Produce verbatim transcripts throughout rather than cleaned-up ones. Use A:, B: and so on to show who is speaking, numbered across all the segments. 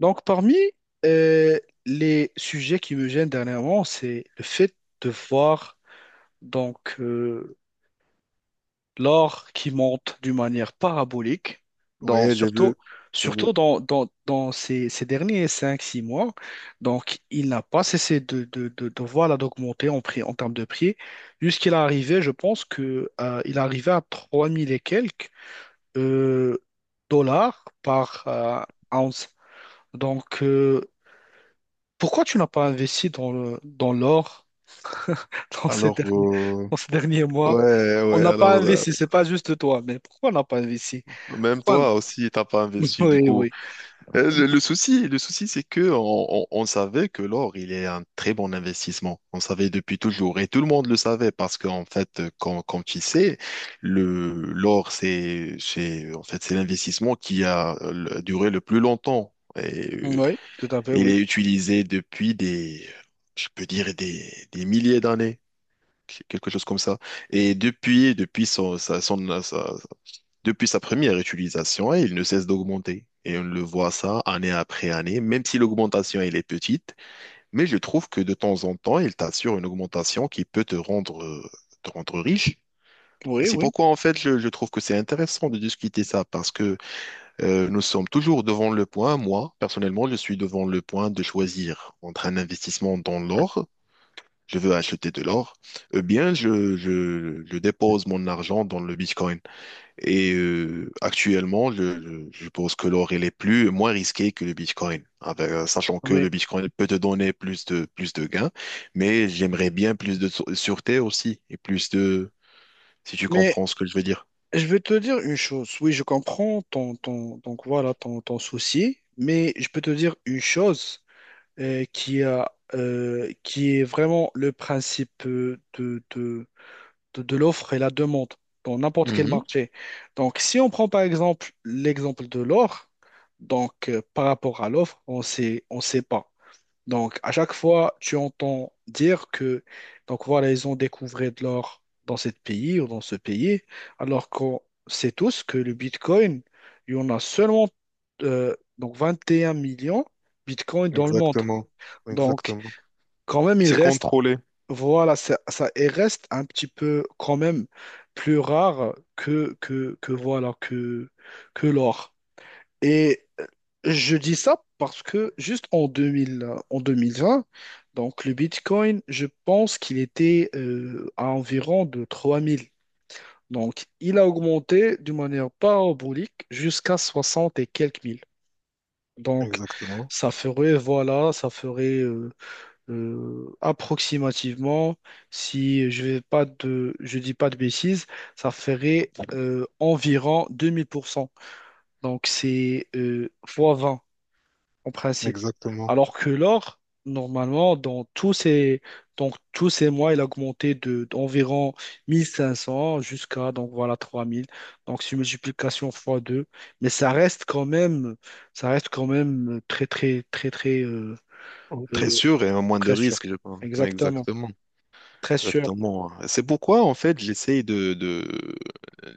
A: Donc, parmi euh, les sujets qui me gênent dernièrement, c'est le fait de voir donc euh, l'or qui monte d'une manière parabolique, dans,
B: Ouais, j'ai
A: surtout,
B: vu, j'ai vu.
A: surtout dans, dans, dans ces, ces derniers cinq six mois. Donc, il n'a pas cessé de, de, de, de voilà, d'augmenter en prix, en termes de prix, jusqu'il est arrivé, je pense que euh, il est arrivé à trois mille et quelques euh, dollars par euh, ounce. Donc, euh, Pourquoi tu n'as pas investi dans le, dans l'or dans ces
B: Alors,
A: derniers,
B: euh,
A: dans ces derniers
B: ouais,
A: mois? On
B: ouais,
A: n'a pas
B: alors, euh,
A: investi, c'est pas juste toi, mais pourquoi on n'a pas investi?
B: même
A: Pourquoi...
B: toi aussi, t'as pas investi, du
A: Oui,
B: coup.
A: oui.
B: Euh, Le, le souci, le souci, c'est que on, on- on savait que l'or, il est un très bon investissement. On savait depuis toujours, et tout le monde le savait, parce qu'en fait, quand, quand tu sais, le, l'or, c'est, c'est, en fait, c'est l'investissement qui a euh, duré le plus longtemps. Et euh,
A: Oui, tout à fait,
B: il
A: oui.
B: est utilisé depuis des, je peux dire, des, des milliers d'années. Quelque chose comme ça. Et depuis, depuis son, sa, son- sa- depuis sa première utilisation, il ne cesse d'augmenter. Et on le voit ça année après année, même si l'augmentation elle est petite, mais je trouve que de temps en temps, il t'assure une augmentation qui peut te rendre, euh, te rendre riche. Et
A: Oui,
B: c'est
A: oui,
B: pourquoi, en fait, je, je trouve que c'est intéressant de discuter ça, parce que euh, nous sommes toujours devant le point, moi, personnellement, je suis devant le point de choisir entre un investissement dans l'or. Je veux acheter de l'or, eh bien, je, je, je dépose mon argent dans le Bitcoin. Et euh, actuellement, je, je, je pense que l'or, il est plus, moins risqué que le Bitcoin, avec, euh, sachant que
A: oui.
B: le Bitcoin peut te donner plus de, plus de gains, mais j'aimerais bien plus de sû- sûreté aussi, et plus de, si tu
A: Mais
B: comprends ce que je veux dire.
A: je vais te dire une chose. Oui, je comprends ton, ton, donc voilà, ton, ton souci, mais je peux te dire une chose euh, qui a, euh, qui est vraiment le principe euh, de, de, de, de l'offre et la demande dans n'importe quel
B: Mhm.
A: marché. Donc, si on prend par exemple l'exemple de l'or, donc euh, par rapport à l'offre, on sait, on sait pas. Donc, à chaque fois, tu entends dire que, donc voilà, ils ont découvert de l'or dans ce pays ou dans ce pays, alors qu'on sait tous que le Bitcoin, il y en a seulement euh, donc vingt et un millions de Bitcoin dans le monde.
B: Exactement.
A: Donc,
B: Exactement.
A: quand même, il
B: C'est
A: reste
B: contrôlé.
A: voilà, ça, ça et reste un petit peu quand même plus rare que, que, que voilà que, que l'or. Et euh, je dis ça parce que juste en deux mille, euh, en deux mille vingt, donc le Bitcoin, je pense qu'il était euh, à environ de trois mille. Donc il a augmenté d'une manière parabolique jusqu'à soixante et quelques mille. Donc
B: Exactement.
A: ça ferait, voilà, ça ferait euh, euh, approximativement, si je vais pas de, je dis pas de bêtises, ça ferait euh, environ deux mille pour cent. Donc c'est euh, fois vingt en principe.
B: Exactement.
A: Alors que l'or, normalement, dans tous ces, donc, tous ces mois, il a augmenté de, d'environ mille cinq cents jusqu'à donc voilà trois mille. Donc c'est une multiplication fois deux. Mais ça reste quand même, ça reste quand même très très très très euh,
B: Très
A: euh,
B: sûr et moins de
A: très sûr.
B: risque, je pense.
A: Exactement.
B: Exactement.
A: Très sûr.
B: Exactement, hein. C'est pourquoi, en fait, j'essaye de, de,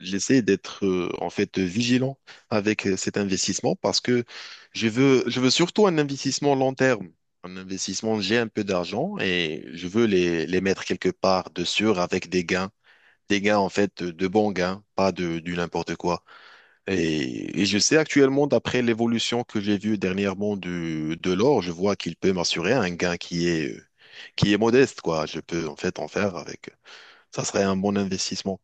B: j'essaye d'être, euh, en fait, vigilant avec euh, cet investissement parce que je veux, je veux surtout un investissement long terme. Un investissement, j'ai un peu d'argent et je veux les, les mettre quelque part de sûr avec des gains. Des gains, en fait, de bons gains, pas de, du n'importe quoi. Et, et je sais actuellement, d'après l'évolution que j'ai vue dernièrement du, de l'or, je vois qu'il peut m'assurer un gain qui est, qui est modeste, quoi. Je peux, en fait, en faire avec. Ça serait un bon investissement.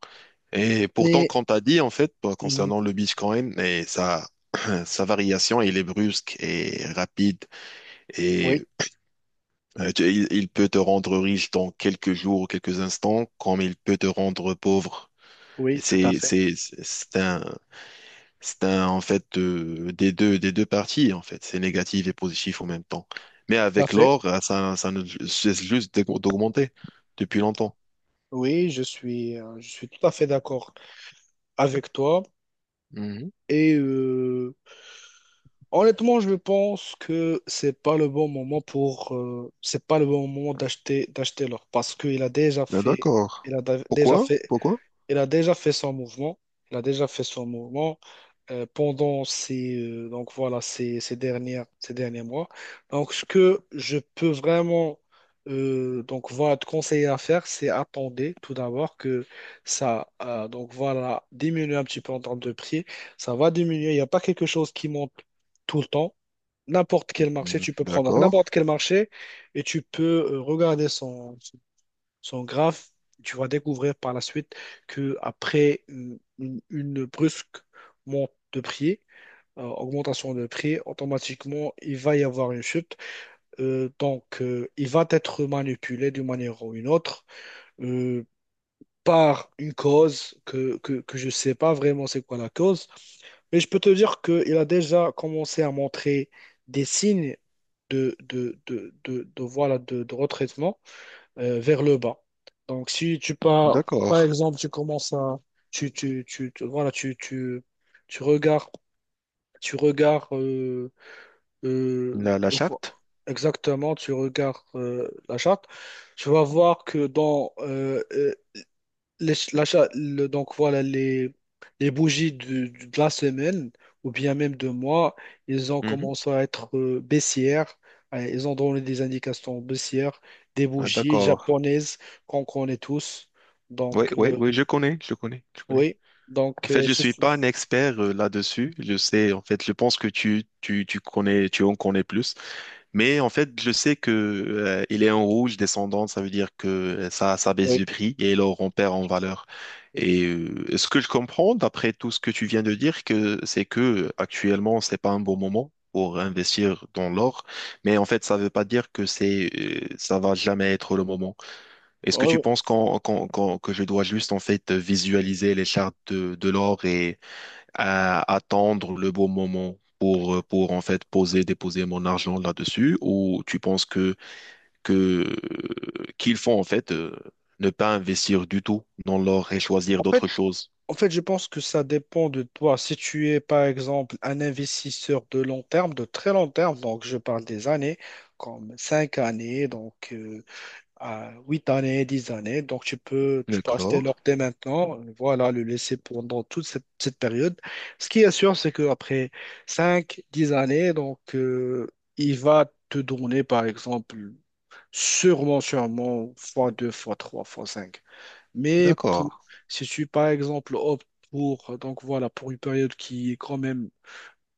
B: Et pourtant,
A: Et
B: quand tu as dit, en fait, euh,
A: mhm,
B: concernant le Bitcoin et sa, euh, sa variation, il est brusque et rapide et
A: oui,
B: euh, tu- il, il peut te rendre riche dans quelques jours ou quelques instants, comme il peut te rendre pauvre. Et
A: oui, tout à
B: C'est,
A: fait.
B: c'est, c'est un, c'est un, en fait, euh, des deux, des deux parties, en fait. C'est négatif et positif en même temps. Mais
A: Tout à
B: avec
A: fait.
B: l'or, euh, ça, ça ne cesse juste d'aug- d'augmenter depuis longtemps.
A: Oui, je suis, euh, je suis tout à fait d'accord avec toi.
B: Mhm.
A: Et euh, honnêtement, je pense que c'est pas le bon moment pour, euh, c'est pas le bon moment d'acheter, d'acheter l'or parce qu'il a déjà
B: Ben,
A: fait,
B: D'accord.
A: il a da- déjà
B: Pourquoi?
A: fait
B: Pourquoi?
A: il a déjà fait son mouvement. Il a déjà fait son mouvement euh, pendant ces, euh, donc voilà, ces, ces dernières, ces derniers mois. Donc, ce que je peux vraiment euh, donc, voilà, te conseiller à faire, c'est attendre tout d'abord que ça euh, donc, voilà, diminue un petit peu en termes de prix. Ça va diminuer. Il n'y a pas quelque chose qui monte tout le temps. N'importe quel marché,
B: Mm,
A: tu peux prendre
B: d'accord,
A: n'importe quel marché et tu peux euh, regarder son, sont graves. Tu vas découvrir par la suite que après une, une- une brusque monte de prix, euh, augmentation de prix, automatiquement, il va y avoir une chute. Euh, donc, euh, il va être manipulé d'une manière ou une autre euh, par une cause que, que, que je ne sais pas vraiment c'est quoi la cause. Mais je peux te dire qu'il a déjà commencé à montrer des signes de, de, de, de, de- voilà, de, de retraitement euh, vers le bas. Donc, si tu pars,
B: d'accord.
A: par exemple, tu commences à, tu, tu, tu, tu- voilà, tu, tu, tu regardes, tu regardes, euh, euh,
B: La, la charte?
A: exactement, tu regardes euh, la charte, tu vas voir que dans, euh, euh, les- ch- l'achat, le- donc voilà, les, les bougies du- du- de la semaine ou bien même de mois, ils ont
B: Mhm.
A: commencé à être euh, baissières. Euh, Ils ont donné des indications baissières, des
B: Ah,
A: bougies
B: d'accord.
A: japonaises qu'on connaît tous.
B: Oui,
A: Donc,
B: oui,
A: euh,
B: oui, je connais, je connais, je connais.
A: oui.
B: En
A: Donc,
B: fait,
A: euh,
B: je
A: ce-
B: suis
A: ce-
B: pas un expert euh, là-dessus. Je sais, en fait, je pense que tu, tu, tu connais, tu en connais plus. Mais en fait, je sais que euh, il est en rouge descendant, ça veut dire que euh, ça, ça baisse
A: oui.
B: du prix et l'or on perd en valeur. Et euh, ce que je comprends d'après tout ce que tu viens de dire, que c'est que euh, actuellement c'est pas un bon moment pour investir dans l'or, mais en fait ça veut pas dire que c'est euh, ça va jamais être le moment. Est-ce que
A: Oui,
B: tu
A: oui.
B: penses qu'en- qu'en- qu'en- que je dois juste en fait visualiser les chartes de, de l'or à attendre le bon moment pour, euh, pour en fait poser, déposer mon argent là-dessus, ou tu penses que, que euh, qu'il faut en fait euh, ne pas investir du tout dans l'or et choisir
A: En fait,
B: d'autres choses?
A: en fait, je pense que ça dépend de toi. Si tu es, par exemple, un investisseur de long terme, de très long terme, donc je parle des années, comme cinq années, donc euh, à huit années, dix années. Donc, tu peux, tu peux acheter
B: D'accord,
A: l'or dès maintenant, voilà, le laisser pendant toute cette, cette période. Ce qui est sûr, c'est qu'après cinq dix années, donc, euh, il va te donner, par exemple, sûrement, sûrement, fois deux fois trois fois cinq. Mais
B: d'accord,
A: pour- si tu, par exemple, optes pour, donc, voilà, pour une période qui est quand même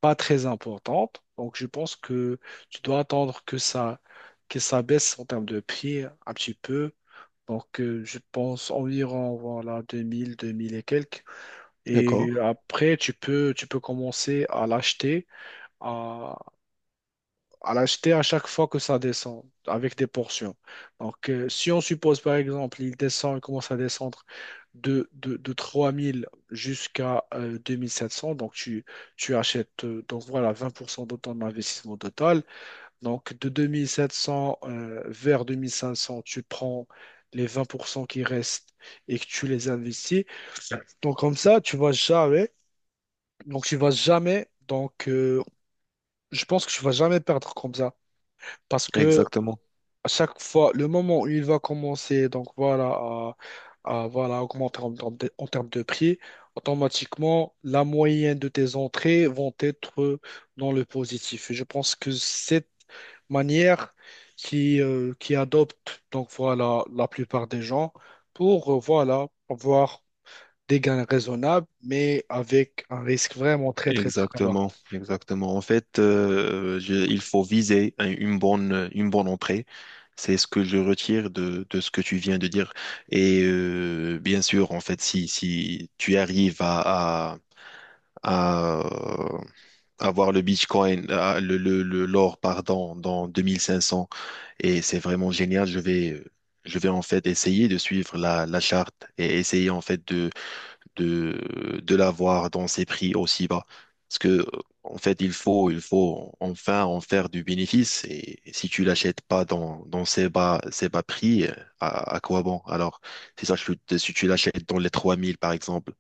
A: pas très importante, donc, je pense que tu dois attendre que ça, que ça baisse en termes de prix un petit peu donc, euh, je pense environ voilà, deux mille, deux mille et quelques. Et
B: d'accord.
A: après, tu peux, tu peux commencer à l'acheter à, à l'acheter à chaque fois que ça descend avec des portions. Donc, euh, si on suppose par exemple, il descend, il commence à descendre de, de, de trois mille jusqu'à euh, deux mille sept cents, donc tu, tu achètes euh, donc voilà, vingt pour cent de ton investissement total. Donc, de deux mille sept cents euh, vers deux mille cinq cents, tu prends les vingt pour cent qui restent et que tu les investis. Donc, comme ça, tu vas jamais. Donc, tu vas jamais. Donc, euh, je pense que tu vas jamais perdre comme ça. Parce que
B: Exactement.
A: à chaque fois, le moment où il va commencer, donc voilà, à, à, voilà, augmenter en, termes de en termes de prix, automatiquement, la moyenne de tes entrées vont être dans le positif. Et je pense que cette manière qui, euh, qui adopte, donc voilà, la plupart des gens pour, euh, voilà, avoir des gains raisonnables, mais avec un risque vraiment très, très, très bas.
B: Exactement, exactement. En fait, euh, je- il faut viser un- une bonne, une bonne entrée. C'est ce que je retire de, de ce que tu viens de dire. Et euh, bien sûr, en fait, si, si tu arrives à, à, à euh, avoir le Bitcoin, à- le, le, le- l'or, pardon, dans deux mille cinq cents, et c'est vraiment génial, je vais, je vais en fait essayer de suivre la, la charte et essayer en fait de, de l'avoir dans ces prix aussi bas. Parce que, en fait, il faut, il faut enfin en faire du bénéfice. Et si tu l'achètes pas dans, dans ces bas, ces bas prix, euh, à, à quoi bon? Alors, c'est ça, je- si tu l'achètes dans les trois mille par exemple,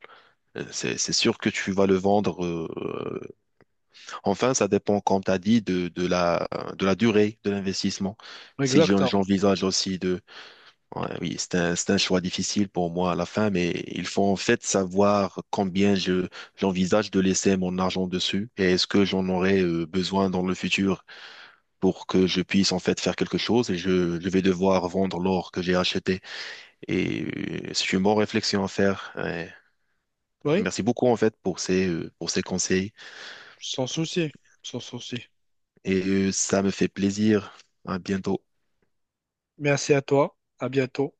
B: euh, c'est, c'est sûr que tu vas le vendre. euh, Enfin, ça dépend, comme tu as dit, de, de la, de la durée de l'investissement. Si j'en-
A: Exactement.
B: j'envisage aussi Ouais, oui, c'est un, c'est un choix difficile pour moi à la fin, mais il faut en fait savoir combien je, j'envisage de laisser mon argent dessus et est-ce que j'en aurai euh, besoin dans le futur pour que je puisse en fait faire quelque chose et je, je vais devoir vendre l'or que j'ai acheté. Et euh, c'est une bonne réflexion à faire. Ouais.
A: Oui,
B: Merci beaucoup en fait pour ces, euh, pour ces conseils
A: sans souci, sans souci.
B: et euh, ça me fait plaisir. À bientôt.
A: Merci à toi. À bientôt.